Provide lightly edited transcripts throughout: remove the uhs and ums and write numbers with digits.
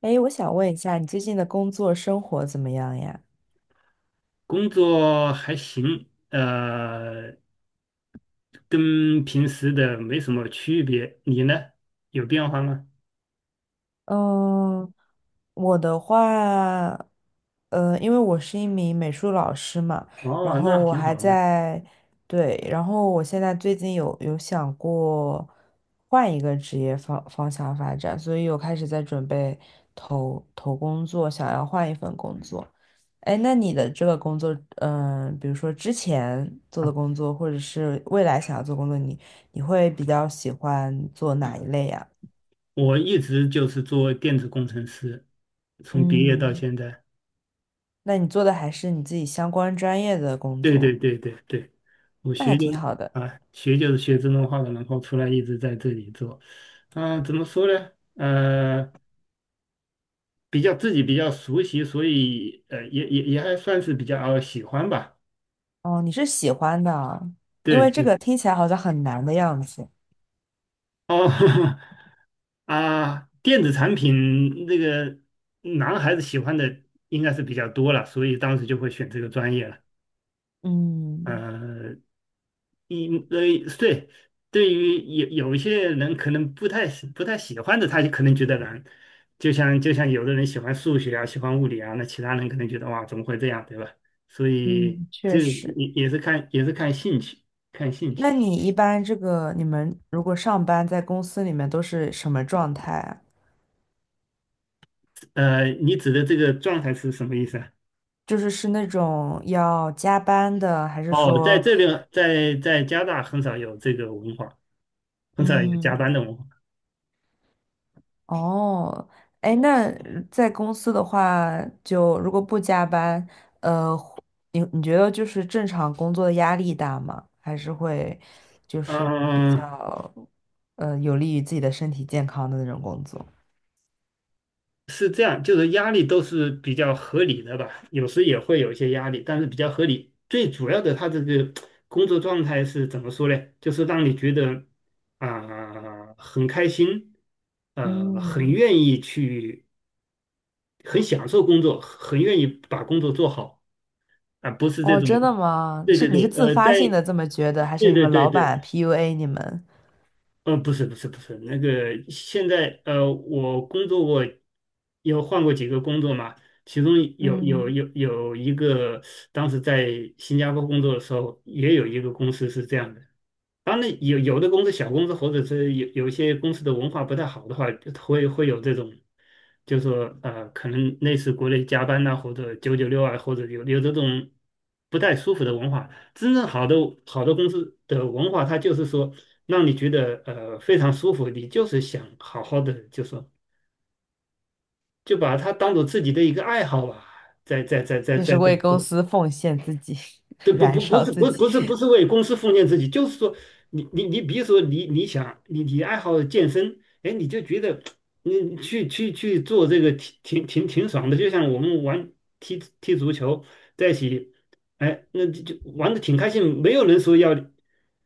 哎，我想问一下，你最近的工作生活怎么样呀？工作还行，跟平时的没什么区别。你呢？有变化吗？嗯，我的话，因为我是一名美术老师嘛，然哦，后那我挺还好的。在，对，然后我现在最近有想过换一个职业方向发展，所以我开始在准备投工作，想要换一份工作。哎，那你的这个工作，比如说之前做的工作，或者是未来想要做工作，你会比较喜欢做哪一类呀？我一直就是做电子工程师，从毕业到嗯。现在。那你做的还是你自己相关专业的工对对作，对对对，我那还学就挺好的。啊，学就是学自动化的，然后出来一直在这里做。啊、怎么说呢？比较自己比较熟悉，所以也还算是比较喜欢吧。哦，你是喜欢的啊。因为这对。个听起来好像很难的样子。哦 啊，电子产品那个男孩子喜欢的应该是比较多了，所以当时就会选这个专业了。嗯呃，一呃，对，对于有一些人可能不太喜欢的，他就可能觉得难。就像有的人喜欢数学啊，喜欢物理啊，那其他人可能觉得哇，怎么会这样，对吧？所以嗯，确这个实。也是也是看兴趣，看兴趣。那你一般这个，你们如果上班在公司里面都是什么状态啊？你指的这个状态是什么意思啊？就是那种要加班的，还是哦，在说，这边，在加拿大很少有这个文化，很少有加嗯，班的文化。哦，哎，那在公司的话，就如果不加班，呃，你觉得就是正常工作的压力大吗？还是会就是比嗯、较有利于自己的身体健康的那种工作？是这样，就是压力都是比较合理的吧，有时也会有一些压力，但是比较合理。最主要的，他这个工作状态是怎么说呢？就是让你觉得啊、很开心，很嗯，愿意去，很享受工作，很愿意把工作做好啊、不是这哦，种，真的吗？对是对你是对，自发性的这么觉得，还是对你对们对老对，板 PUA 你们？不是不是不是，那个现在我工作过，有换过几个工作嘛，其中嗯，有一个，当时在新加坡工作的时候，也有一个公司是这样的。当然有的公司小公司或者是有一些公司的文化不太好的话，会有这种，就说可能类似国内加班呐、或者九九六啊，或者有这种不太舒服的文化。真正好的好的公司的文化，它就是说让你觉得非常舒服，你就是想好好的，就说就把它当做自己的一个爱好吧，就是在为公做。司奉献自己，这燃烧不自是己。不是不是为公司奉献自己，就是说你比如说你想你爱好健身，哎，你就觉得你去做这个挺爽的，就像我们玩踢足球在一起，哎，那就就玩的挺开心，没有人说要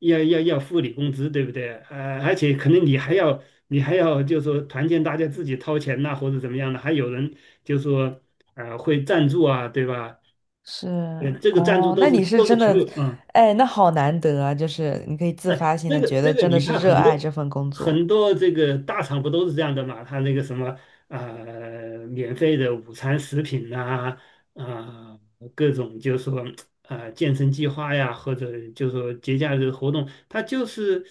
要要要付你工资，对不对？而且可能你还要就是说团建，大家自己掏钱呐、或者怎么样的，还有人就说会赞助啊，对吧？是这个赞助哦，都那是你是真球的，友啊，哎，那好难得啊！就是你可以自发性的觉这得个真的你看是热爱这份工作，很多这个大厂不都是这样的嘛？他那个什么免费的午餐食品呐、啊，啊各种就是说啊、健身计划呀，或者就是说节假日活动，他就是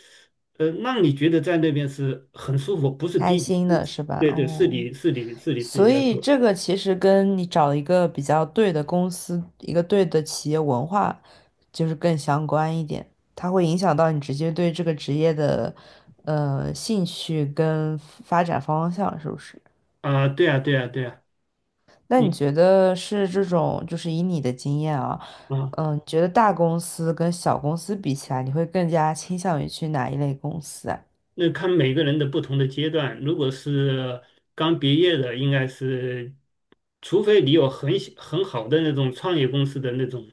让你觉得在那边是很舒服，不是开逼你，心的是吧？对对，哦，是你自己所要以做这个其实跟你找一个比较对的公司，一个对的企业文化，就是更相关一点，它会影响到你直接对这个职业的兴趣跟发展方向，是不是？啊、对啊，那你你觉得是这种，就是以你的经验啊，啊。觉得大公司跟小公司比起来，你会更加倾向于去哪一类公司啊？那看每个人的不同的阶段，如果是刚毕业的，应该是，除非你有很好的那种创业公司的那种、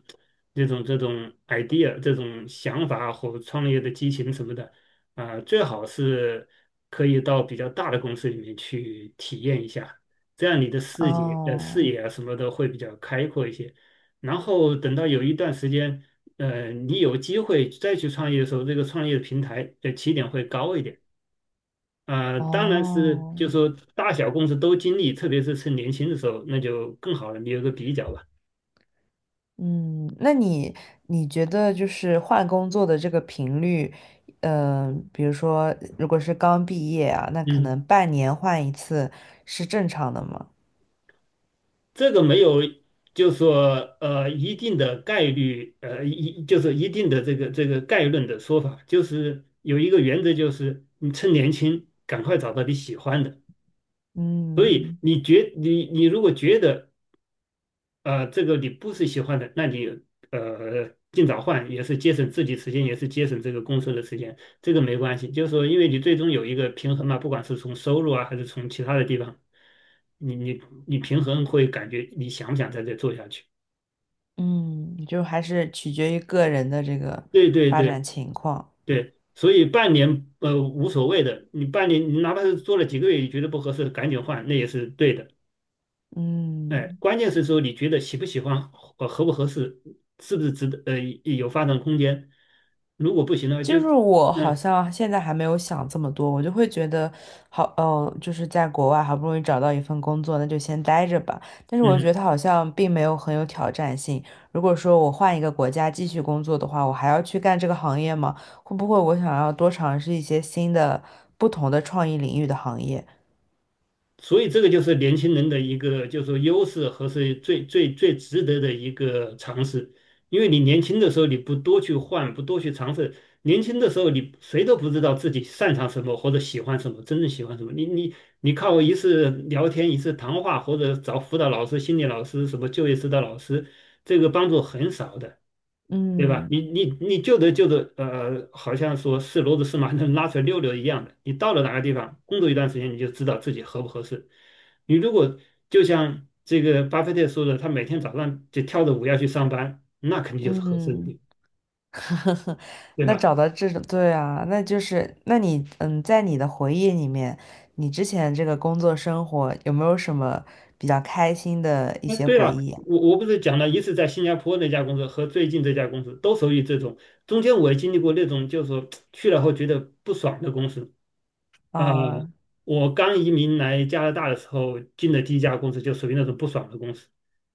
那种、这种 idea、这种想法或创业的激情什么的，啊、最好是可以到比较大的公司里面去体验一下，这样你的视哦，野啊什么的会比较开阔一些。然后等到有一段时间，你有机会再去创业的时候，这个创业的平台的起点会高一点。当然是，哦，就说大小公司都经历，特别是趁年轻的时候，那就更好了，你有个比较吧。嗯，那你觉得就是换工作的这个频率，比如说如果是刚毕业啊，那可嗯，能半年换一次是正常的吗？这个没有，就说一定的概率，就是一定的这个概论的说法，就是有一个原则，就是你趁年轻赶快找到你喜欢的。所以嗯你如果觉得这个你不是喜欢的，那你尽早换，也是节省自己时间，也是节省这个公司的时间，这个没关系。就是说，因为你最终有一个平衡嘛，不管是从收入啊，还是从其他的地方，你你你平衡会感觉你想不想在这做下去？嗯，就还是取决于个人的这个对对发展对情况。对，所以半年无所谓的，你半年你哪怕是做了几个月，你觉得不合适，赶紧换，那也是对的。哎，嗯。关键是说你觉得喜不喜欢，合不合适，是不是值得，有发展空间。如果不行的话，就，就是我好嗯像现在还没有想这么多，我就会觉得好，就是在国外好不容易找到一份工作，那就先待着吧。但是我又觉嗯，得它好像并没有很有挑战性。如果说我换一个国家继续工作的话，我还要去干这个行业吗？会不会我想要多尝试一些新的、不同的创意领域的行业？所以这个就是年轻人的一个，就是说优势和是最值得的一个尝试。因为你年轻的时候你不多去换，不多去尝试，年轻的时候你谁都不知道自己擅长什么或者喜欢什么，真正喜欢什么。你靠一次聊天，一次谈话，或者找辅导老师、心理老师、什么就业指导老师，这个帮助很少的。对吧？嗯你就得，好像说是骡子是马能拉出来溜溜一样的。你到了哪个地方工作一段时间，你就知道自己合不合适。你如果就像这个巴菲特说的，他每天早上就跳着舞要去上班，那肯定就是合适的地嗯。方 对那吧？找到这种，对啊，那就是，那你，在你的回忆里面，你之前这个工作生活有没有什么比较开心的一哎，些对回了，忆啊？我不是讲了一次在新加坡那家公司和最近这家公司都属于这种，中间我也经历过那种，就是说去了后觉得不爽的公司，呃，啊我刚移民来加拿大的时候，进的第一家公司就属于那种不爽的公司。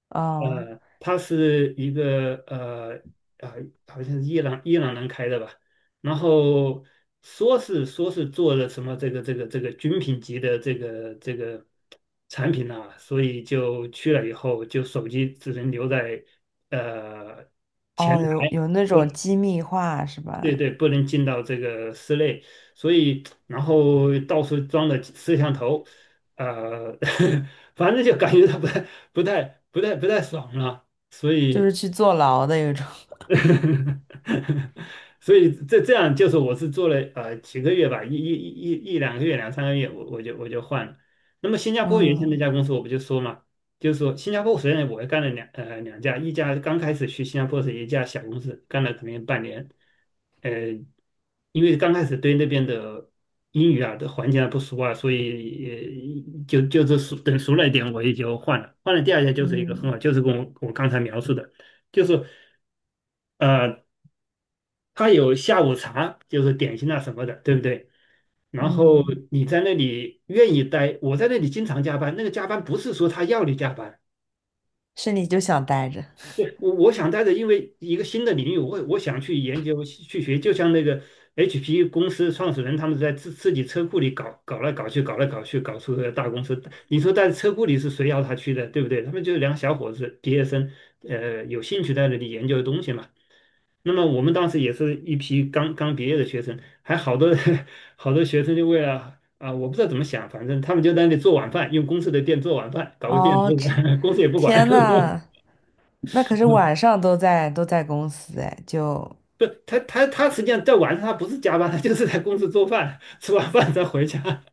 啊它是一个啊、好像是伊朗人开的吧，然后说是做了什么这个军品级的这个产品呐、所以就去了以后，就手机只能留在呃前哦，台。有那不种机密化是对吧？对，不能进到这个室内，所以然后到处装了摄像头，呃，反正就感觉到不太、不太爽了，所就是以，去坐牢的有种，所以这这样就是我是做了几个月吧，一、一、一、一、两个月、两三个月，我就换了。那么新 加坡原先那嗯家公司我不就说嘛，就是说新加坡虽然我也干了两家，一家刚开始去新加坡是一家小公司，干了可能有半年。呃，因为刚开始对那边的英语啊的环境还不熟啊，所以就是熟了一点，我也就换了。换了第二家就是一个很嗯好，就是跟我刚才描述的，就是呃，他有下午茶，就是点心啊什么的，对不对？然后嗯，你在那里愿意待，我在那里经常加班，那个加班不是说他要你加班，是你就想待着对，我想带着，因为一个新的领域，我想去研究去学，就像那个 HP 公司创始人他们在自己车库里搞来搞去，搞出个大公司。你说在车库里是谁要他去的，对不对？他们就是两个小伙子毕业生，有兴趣在那里研究的东西嘛。那么我们当时也是一批刚刚毕业的学生，还好多 好多学生就为了啊，我不知道怎么想，反正他们就在那里做晚饭，用公司的电做晚饭，搞个电炉，哦，这 公司也不管。天呐，那可是晚 上都在公司哎，就不，他实际上在晚上他不是加班，他就是在公司做饭，吃完饭再回家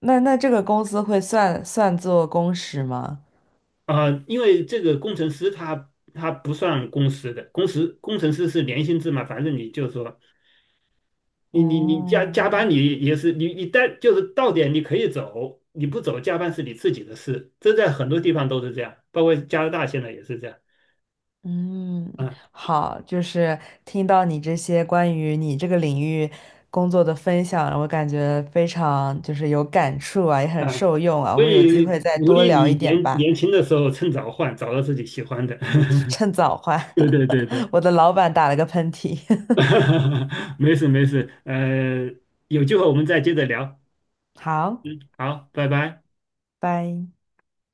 那这个工资会算作工时吗？啊、因为这个工程师他不算工时的，工时工程师是年薪制嘛，反正你就说你加加哦，班你也是你待就是到点你可以走，你不走加班是你自己的事，这在很多地方都是这样，包括加拿大现在也是这样嗯，啊好，就是听到你这些关于你这个领域工作的分享，我感觉非常就是有感触啊，也很啊，受用啊。我所们有机会以再鼓多励聊你一点吧，年轻的时候趁早换，找到自己喜欢的。趁早换。对对对 对。我的老板打了个喷嚏。没事没事，有机会我们再接着聊。好，嗯，好，拜拜。拜。